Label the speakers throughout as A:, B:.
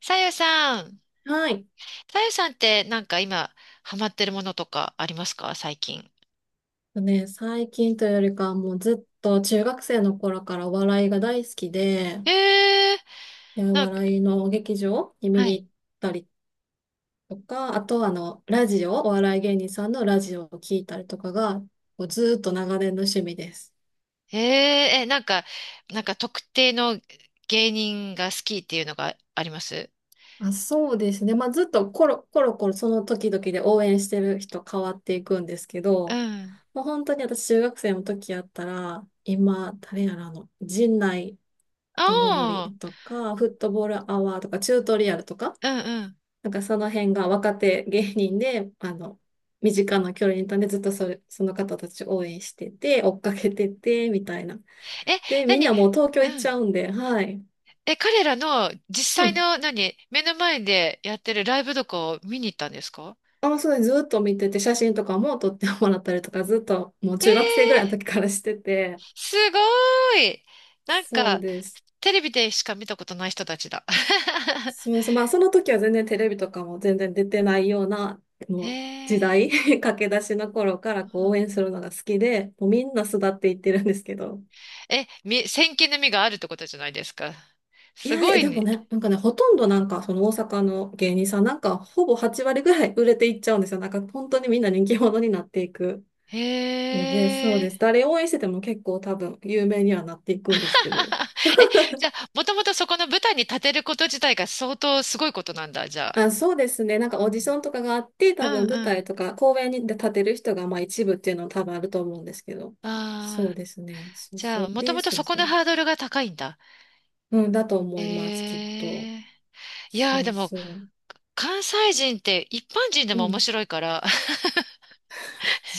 A: さゆさん。
B: はい。
A: さゆさんって今ハマってるものとかありますか、最近？
B: ね、最近というよりかはもうずっと中学生の頃からお笑いが大好きで、
A: ええ、
B: でお
A: なんか、
B: 笑いの劇場に見
A: は
B: に
A: い。
B: 行ったりとか、あとはラジオ、お笑い芸人さんのラジオを聞いたりとかが、こうずっと長年の趣味です。
A: えええ、なんか、なんか特定の芸人が好きっていうのがあります？
B: あ、そうですね。まあ、ずっとコロコロコロその時々で応援してる人変わっていくんですけ
A: う
B: ど、
A: ん。
B: もう本当に私中学生の時やったら、今、誰やら陣内
A: あ
B: 友乗
A: あ、
B: りとか、フットボールアワーとか、チュートリアルとか、
A: うんうん。
B: なんかその辺が若手芸人で、身近な距離にいたんで、ずっとそれ、その方たち応援してて、追っかけてて、みたいな。
A: え、
B: で、みん
A: 何？
B: なもう東京
A: う
B: 行っち
A: ん。
B: ゃうんで、はい。
A: え、彼らの
B: う
A: 実際
B: ん。
A: の、何、目の前でやってるライブとかを見に行ったんですか？
B: あ、そうです。ずっと見てて、写真とかも撮ってもらったりとか、ずっともう中学生ぐらいの
A: ええ、
B: 時からしてて、
A: すごーい。なん
B: そう
A: か、
B: です。
A: テレビでしか見たことない人たちだ。
B: そうそう、まあその時は全然テレビとかも全然出てないような、
A: へ
B: もう時
A: え。
B: 代、駆け出しの頃から
A: う
B: こう応
A: ん。
B: 援するのが好きで、もうみんな巣立っていってるんですけど。
A: え、み、先見の目があるってことじゃないですか。
B: い
A: すご
B: や、
A: い
B: でも
A: ね。
B: ね、なんかね、ほとんどなんかその大阪の芸人さんなんかほぼ8割ぐらい売れていっちゃうんですよ。なんか本当にみんな人気者になっていく
A: へ
B: ので、そうで
A: え。
B: す。誰応援してても結構多分有名にはなっていくんですけど。
A: え、じゃあ、もともとそこの舞台に立てること自体が相当すごいことなんだ、じゃ
B: あ、そうですね。なんか
A: あ。
B: オーディションとかがあって、
A: う
B: 多
A: んうん
B: 分舞
A: う
B: 台
A: ん。
B: とか公演にで立てる人がまあ一部っていうのも多分あると思うんですけど。そう
A: ああ、
B: ですね。そう
A: じ
B: そ
A: ゃあ、
B: う。
A: もと
B: で、
A: もと
B: そう
A: そ
B: で
A: こ
B: す
A: の
B: ね。
A: ハードルが高いんだ。
B: うん、だと思います、き
A: え
B: っと。
A: え。いやー、
B: そう
A: でも、
B: そ
A: 関西人って一般人で
B: う。
A: も
B: うん、
A: 面白い からね。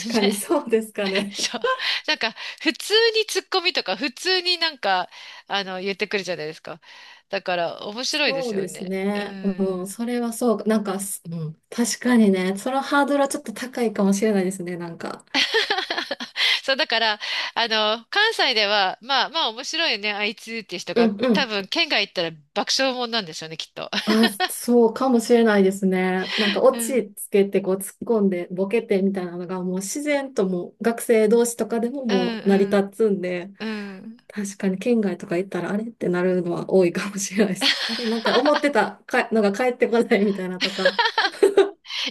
B: 確かにそうですか ね。
A: そう。なんか、普通にツッコミとか、普通になんか、あの、言ってくるじゃないですか。だから、面 白いで
B: そ
A: す
B: う
A: よ
B: です
A: ね。う
B: ね。うん、
A: ん。
B: それはそうか。なんか、うん、確かにね、そのハードルはちょっと高いかもしれないですね、なんか。
A: そう、だから、あの、関西では、まあまあ面白いよね、あいつっていう人
B: う
A: が、
B: んう
A: 多
B: ん。
A: 分、県外行ったら爆笑もんなんでしょうね、きっと。
B: あ、そうかもしれないですね。なん かオ
A: うん、
B: チつけてこう突っ込んでボケてみたいなのがもう自然ともう学生同士とかでも
A: う
B: も
A: ん、
B: う成
A: う
B: り
A: ん。
B: 立つんで、
A: うん。
B: 確かに県外とか行ったらあれってなるのは多いかもしれないです。あれなんか思ってたかのが返ってこないみたいなとか。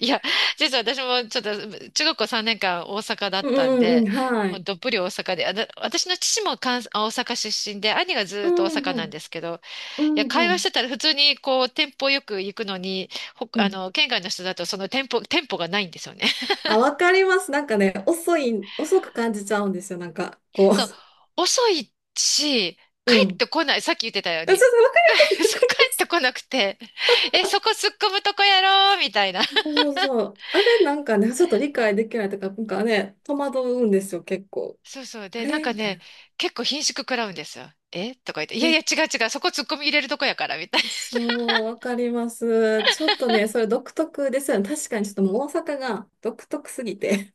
A: いや、実は私もちょっと中学校3年間大阪だ
B: う
A: ったん
B: んう
A: で、
B: んうん、は
A: もう
B: い。
A: どっぷり大阪で、あだ私の父も関西、あ大阪出身で、兄がず
B: う
A: ーっと大
B: ん
A: 阪
B: は
A: なん
B: い。
A: ですけど、
B: う
A: いや、
B: ん
A: 会
B: は
A: 話し
B: い。
A: てたら普通にこう、店舗よく行くのに、ほ、
B: う
A: あ
B: ん。
A: の、県外の人だとその店舗、店舗がないんですよね。
B: あ、わかります。なんかね、遅く感じちゃうんですよ。なんか、こ
A: そう、遅いし、
B: う。
A: 帰
B: う
A: っ
B: ん。
A: てこない。さっき言ってたよう
B: あち
A: に。
B: ょっとわかりま す。わ
A: そ
B: か
A: う、
B: り
A: 帰
B: ま
A: って
B: す。
A: こなくて、え、そこ突っ込むとこやろうみたいな。
B: そうそうそう。あれなんかね、ちょっと理解できないとか、なんかね、戸惑うんですよ、結構。
A: そうそう。
B: あ
A: で、なん
B: れ
A: か
B: みたい
A: ね、
B: な。
A: 結構顰蹙食らうんですよ。えとか言って、いやい
B: え、
A: や違う違う、そこ突っ込み入れるとこやから、みたいな。
B: そう、わかります。ちょっとね、それ独特ですよね。確かにちょっともう大阪が独特すぎて。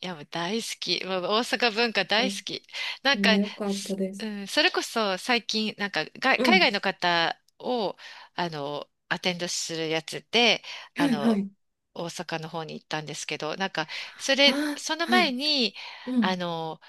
A: いや、もう大好き。もう大阪文化
B: そ
A: 大好
B: う
A: き。な
B: あ
A: んか、
B: ー、よかった
A: す、
B: です。
A: それこそ最近、なんかが
B: う
A: 海外の
B: ん。
A: 方を、アテンドするやつで、
B: は
A: あ
B: いは
A: の、
B: い。
A: 大阪の方に行ったんですけど、なんか、そ
B: あ
A: れ、
B: あ、
A: その
B: は
A: 前
B: い。
A: に、
B: う
A: あ
B: ん。
A: の、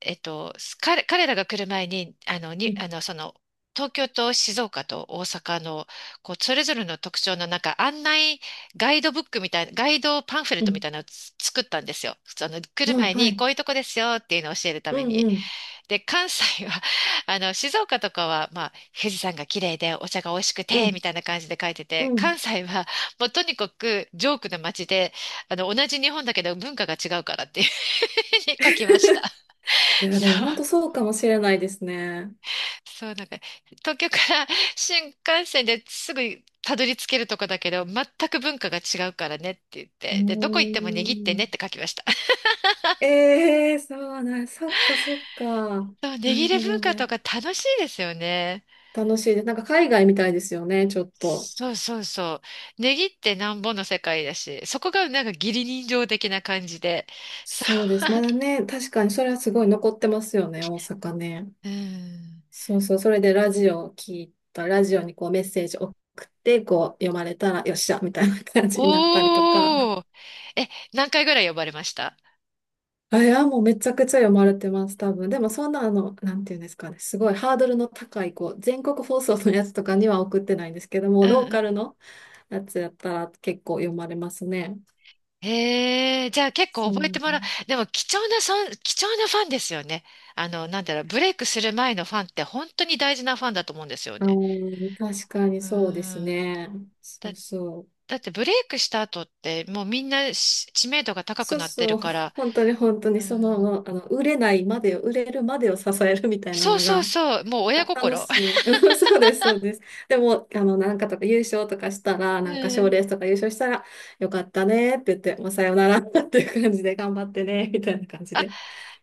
A: す彼、彼らが来る前に、
B: う
A: に、
B: ん。
A: その、東京と静岡と大阪の、こう、それぞれの特徴のなんか案内ガイドブックみたいな、ガイドパンフレッ
B: う
A: トみ
B: ん。
A: たいなのをつ作ったんですよ。その、来る
B: うん。
A: 前
B: は
A: に、
B: い。
A: こういうとこですよっていうのを教えるた
B: う
A: め
B: ん
A: に。
B: うん。
A: で、関西は、まあの、静岡とかは、まあ、富士山が綺麗で、お茶が美味しく
B: う
A: て、
B: ん。
A: みたいな感じで書いて
B: う
A: て、
B: ん。
A: 関西は、もうとにかく、ジョークな街で、同じ日本だけど文化が違うからっていうふうに書きました。
B: いや、でも
A: そ
B: 本
A: う。
B: 当そうかもしれないですね。
A: そう、なんか、東京から新幹線ですぐたどり着けるとこだけど、全く文化が違うからねって言っ
B: うー
A: て、で、どこ行っても握ってねっ
B: ん。
A: て書きました。
B: ええそうなん、そっかそっか。
A: そう、値
B: な
A: 切
B: る
A: れ
B: ほ
A: 文
B: ど
A: 化と
B: ね。
A: か楽しいですよね。
B: 楽しいです。なんか海外みたいですよね、ちょっと。
A: そうそうそう。値切ってなんぼの世界だし、そこがなんか義理人情的な感じで。そ
B: そうです。まだね、確かにそれはすごい残ってますよね、大阪ね。
A: う。うん。
B: そうそう、それでラジオを聞いた、ラジオにこうメッセージ送って、こう読まれたら、よっしゃ、みたいな感じになったりとか。
A: おー。え、何回ぐらい呼ばれました？
B: あ、いや、もうめちゃくちゃ読まれてます、多分。でもそんななんていうんですかね、すごいハードルの高い、こう、全国放送のやつとかには送ってないんですけども、
A: う
B: ローカル
A: ん。
B: の、やつやったら結構読まれますね。
A: へえ、じゃあ結構
B: そ
A: 覚え
B: う。
A: てもらう。でも貴重なそん、貴重なファンですよね。なんだろう、ブレイクする前のファンって本当に大事なファンだと思うんですよ
B: あ
A: ね。
B: ー、確かに
A: うー
B: そうです
A: ん。
B: ね。そ
A: だ、
B: うそう。
A: だってブレイクした後ってもうみんなし知名度が高く
B: そう
A: なって
B: そ
A: る
B: う。
A: から。
B: 本当に本当
A: うー
B: に
A: ん。
B: 売れるまでを支えるみたいな
A: そう
B: の
A: そう
B: が、
A: そう、もう
B: た
A: 親
B: 楽
A: 心。
B: しい。そうです、そうです。でも、なんかとか優勝とかしたら、
A: う
B: なんか賞
A: ん。
B: レースとか優勝したら、よかったねって言って、もうさよならっていう感じで頑張ってね、みたいな感じ
A: あ、
B: で。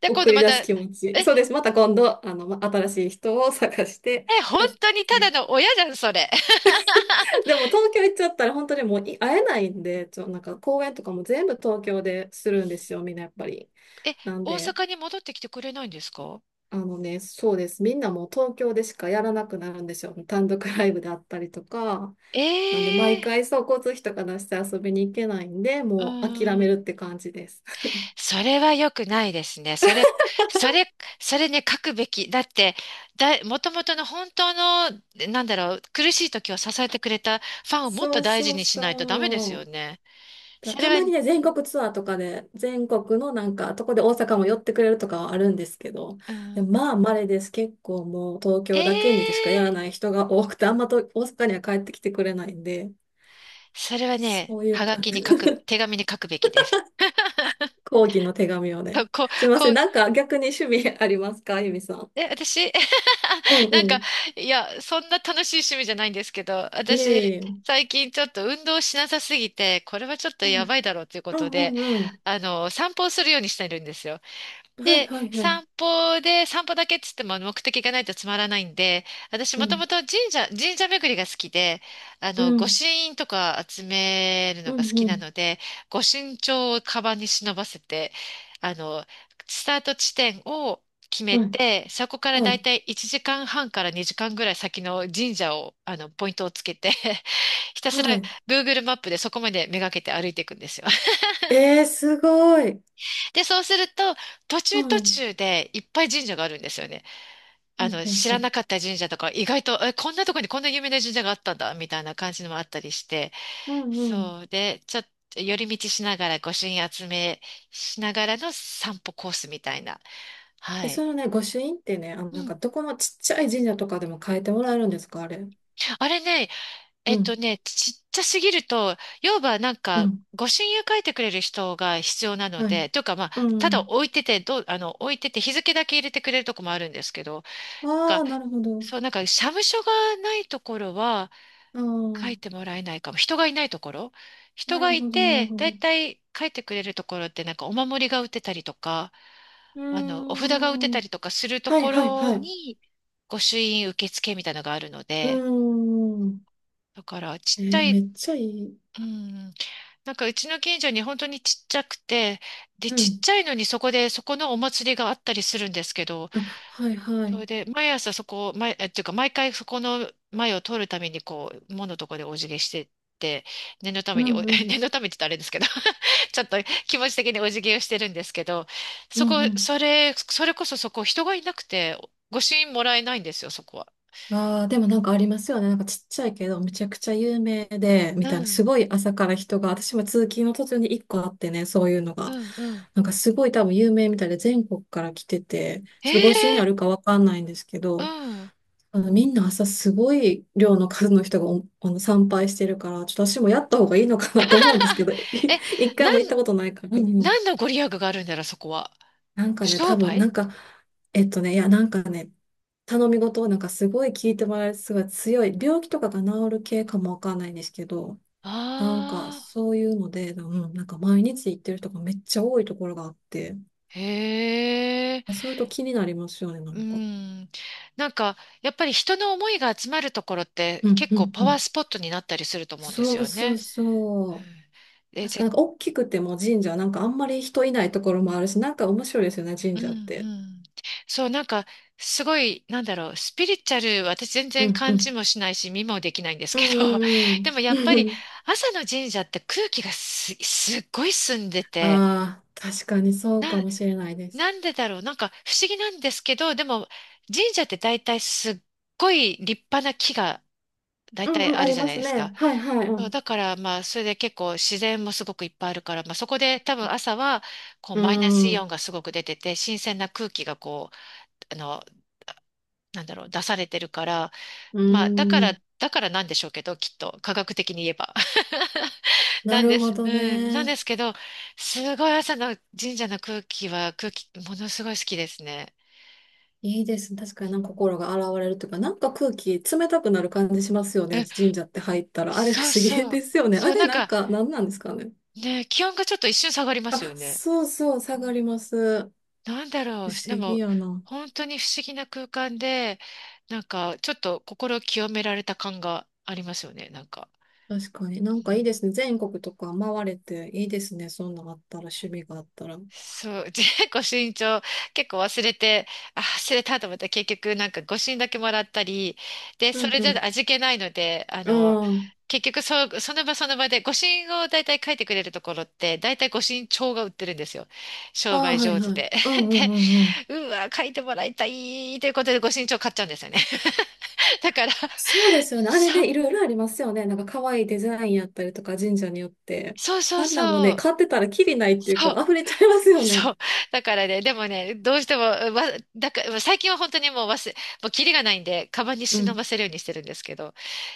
A: で、今
B: 送
A: 度
B: り
A: ま
B: 出
A: た、
B: す
A: え、
B: 気持ち。そうです。また今度、ま新しい人を探して、
A: え、本
B: じゃあ
A: 当にただ
B: 次
A: の親じゃん、それ。
B: でも東京行っちゃったら本当にもう会えないんで、なんか公演とかも全部東京でするんですよ、みんなやっぱり。
A: え、
B: なん
A: 大
B: で、
A: 阪に戻ってきてくれないんですか？
B: そうです。みんなもう東京でしかやらなくなるんですよ。単独ライブであったりとか。なんで、
A: ええ
B: 毎
A: ー、
B: 回そう、交通費とか出して遊びに行けないんで、
A: う
B: もう諦
A: ー
B: め
A: ん。
B: るって感じです。
A: それは良くないですね。それ、それ、それね、書くべき。だって、だ、もともとの本当の、なんだろう、苦しい時を支えてくれたファンをもっ
B: そ
A: と
B: う
A: 大事
B: そう
A: にしないとダメです
B: そ
A: よ
B: う。
A: ね。それ
B: た
A: は、
B: まにね、全国ツアーとかで、全国のなんか、とこで大阪も寄ってくれるとかはあるんですけど、
A: う
B: でも
A: ん、
B: まあ、稀です。結構もう東京だけにでしかや
A: え
B: ら
A: え、
B: ない人が多くて、あんまと大阪には帰ってきてくれないんで、
A: それはね、
B: そういう
A: はが
B: か、
A: きに書く、手紙に書くべきです。
B: 抗議の手紙をね。
A: こう、
B: すいま
A: こ
B: せん。
A: う、
B: なんか逆に趣味ありますかゆみさん？
A: え、私、
B: う んう
A: なんか、
B: ん。
A: いや、そんな楽しい趣味じゃないんですけど、
B: い
A: 私、
B: えいえ。
A: 最近ちょっと運動しなさすぎて、これはちょっと
B: う
A: や
B: ん。
A: ばいだろうというこ
B: う
A: と
B: んう
A: で、
B: んうん。
A: 散歩をするようにしてるんですよ。
B: はい
A: で、
B: はいはい。
A: 散歩で、散歩だけっつっても目的がないとつまらないんで、私
B: う
A: もと
B: ん。
A: もと神社、神社巡りが好きで、
B: う
A: 御
B: ん。
A: 朱印とか集める
B: う
A: のが好
B: ん
A: き
B: う
A: な
B: ん。
A: ので、御朱印帳をカバンに忍ばせて、あの、スタート地点を決め
B: はい。
A: て、そこから
B: は
A: だい
B: い。
A: たい1時間半から2時間ぐらい先の神社を、ポイントをつけて、 ひたすら
B: はい。
A: Google マップでそこまでめがけて歩いていくんですよ。
B: えー、すごい。
A: で、そうすると、途
B: う
A: 中途
B: ん。
A: 中でいっぱい神社があるんですよね。
B: うんうん
A: 知
B: う
A: らな
B: ん
A: かった神社とか、意外と、え、こんなとこにこんな有名な神社があったんだ、みたいな感じのもあったりして、
B: うんうん。
A: そう。で、ちょっと寄り道しながら、御朱印集めしながらの散歩コースみたいな。
B: え、
A: はい。
B: そのね、御朱印ってね、
A: う
B: なん
A: ん。
B: かどこのちっちゃい神社とかでも変えてもらえるんですか、あれ？
A: あれね、
B: うん、
A: ちっちゃすぎると、要はなん
B: う
A: か、
B: ん、
A: 御朱印を書いてくれる人が必要なの
B: はい。
A: で、というかまあ、
B: う
A: ただ
B: ん。
A: 置いてて、どう、あの、置いてて日付だけ入れてくれるとこもあるんですけど、
B: あ
A: が、
B: あ、なるほど。
A: そう、なんか、社務所がないところは、
B: ああ、
A: 書いてもらえないかも。人がいないところ、人
B: な
A: が
B: る
A: い
B: ほど、なる
A: て、
B: ほ
A: だい
B: ど。
A: たい書いてくれるところってなんかお守りが売ってたりとか、
B: う
A: お
B: ー
A: 札が売って
B: ん。
A: たりとかすると
B: はい、
A: こ
B: はい、
A: ろ
B: はい。
A: に、御朱印受付みたいなのがあるの
B: うー
A: で、
B: ん。
A: だからち
B: え
A: っちゃ
B: ー、め
A: い、
B: っちゃいい。
A: うん、なんかうちの近所に本当にちっちゃくて、で、
B: う
A: ちっ
B: ん。
A: ちゃいのにそこで、そこのお祭りがあったりするんですけど、
B: あ、はい、は
A: それ
B: い。
A: で、毎朝そこを、毎、え、っていうか、毎回そこの前を通るために、こう、門のとこでお辞儀してって、念のた
B: う
A: めにお、
B: ん、う ん、
A: 念のためって言ったらあれですけど、 ちょっと気持ち的にお辞儀をしてるんですけど、
B: う
A: そ
B: ん、う
A: こ、
B: ん。
A: それ、それこそそこ、人がいなくて、御朱印もらえないんですよ、そこは。
B: ああ、でもなんかありますよね。なんかちっちゃいけど、めちゃくちゃ有名で、
A: う
B: みたいな、す
A: ん、
B: ごい朝から人が、私も通勤の途中に一個あってね、そういうの
A: う
B: が。
A: ん、うん。
B: なんかすごい多分有名みたいで、全国から来てて、
A: え
B: ちょっとご一緒にあ
A: え、
B: るかわかんないんですけ
A: う
B: ど、
A: ん。
B: あのみんな朝すごい量の数の人がお参拝してるから、ちょっと私もやった方がいいのかなと思うんですけど、
A: え、
B: 一
A: な
B: 回
A: ん、
B: も行ったことないから。うんうん。
A: 何のご利益があるんだろう、そこは。
B: なんかね、多
A: 商
B: 分、な
A: 売、
B: んか、いや、なんかね、頼み事をなんかすごい聞いてもらえるすごい強い、病気とかが治る系かもわかんないんですけど、なんか
A: ああ
B: そういうので、うん、なんか毎日行ってる人がめっちゃ多いところがあって、
A: ー、へえ。
B: そういうと気になりますよね、な
A: う
B: んか。
A: ん。なんか、やっぱり人の思いが集まるところって
B: うん
A: 結
B: う
A: 構
B: ん
A: パ
B: う
A: ワー
B: ん。
A: スポットになったりすると思うんで
B: そ
A: す
B: う
A: よ
B: そう
A: ね。
B: そ
A: う
B: う。
A: ん。で、
B: 確か
A: ぜ、
B: なんか大きくても神社、なんかあんまり人いないところもあるし、なんか面白いですよね、
A: う
B: 神
A: ん
B: 社っ
A: う
B: て。
A: ん。そう、なんか、すごい、なんだろう、スピリチュアル、私全
B: う
A: 然
B: んう
A: 感
B: ん。
A: じもしないし、見もできないんです
B: う
A: けど、で
B: ん
A: もや
B: う
A: っ
B: ん
A: ぱ
B: う
A: り
B: ん。
A: 朝の神社って空気がす、すっごい澄んで て、
B: ああ、確かにそうか
A: な、
B: もしれないです。
A: なんでだろう、なんか不思議なんですけど、でも神社って大体すっごい立派な木が大
B: うん
A: 体
B: うん、
A: あ
B: あ
A: る
B: り
A: じゃ
B: ま
A: ない
B: す
A: ですか。
B: ね。はいはい。う
A: そう
B: ん。
A: だから、まあ、それで結構自然もすごくいっぱいあるから、まあ、そこで多分朝は、こう、
B: う
A: マイナスイオン
B: ん。
A: がすごく出てて、新鮮な空気がこう、なんだろう、出されてるから、
B: うー
A: まあ、だか
B: ん、
A: ら、だからなんでしょうけど、きっと、科学的に言えば。
B: な
A: なんで
B: るほ
A: す。う
B: ど
A: ん。なんで
B: ね。
A: すけど、すごい朝の神社の空気は、空気、ものすごい好きですね。
B: いいですね。確
A: う
B: かに
A: ん。
B: なんか心が洗われるというか、なんか空気冷たくなる感じしますよ
A: う
B: ね。
A: ん、
B: 神社って入ったら。あれ不
A: そう
B: 思議
A: そう。
B: ですよね。あ
A: そう、
B: れ
A: なん
B: なん
A: か、
B: か何なんですかね。
A: ね、気温がちょっと一瞬下がりま
B: あ、
A: すよね。
B: そうそう、下がります。
A: なんだろ
B: 不
A: う、で
B: 思議
A: も
B: やな。
A: 本当に不思議な空間で、なんかちょっと心を清められた感がありますよね、なんか。
B: 確かに。なん
A: う
B: かいい
A: ん、
B: ですね。全国とか回れていいですね。そんなんあったら、趣味があったら。うん
A: そう、結構身長、結構忘れて、あ、忘れたと思ったら結局なんかご診だけもらったり、で、
B: う
A: それじ
B: ん。
A: ゃ味気ないので、
B: うん。
A: 結局そう、その場その場でご診を大体書いてくれるところって、大体ご診帳が売ってるんですよ。商
B: ああ、
A: 売
B: はい
A: 上手
B: はい。
A: で。
B: う んう
A: で、
B: んうん。
A: うわ、書いてもらいたいということでご診帳買っちゃうんですよね。だから
B: そうですよね。あれ
A: そ、
B: ね、いろいろありますよね。なんか可愛いデザインやったりとか、神社によって。
A: そうそう
B: あんなんも
A: そ
B: ね、
A: う。
B: 買ってたらキリないっていう
A: そう。
B: か、溢れちゃいますよ
A: そ
B: ね。
A: う。だからね、でもね、どうしても、わ、だから、最近は本当にもう忘れ、もうキリがないんで、カバンに
B: う
A: 忍
B: ん。
A: ばせるようにしてるんですけど。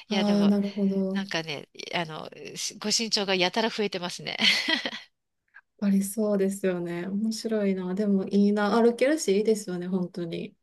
A: いや、で
B: ああ、
A: も、
B: なるほど。
A: なんかね、あの、しご身長がやたら増えてますね。
B: ありそうですよね。面白いな。でもいいな。歩けるし、いいですよね、本当に。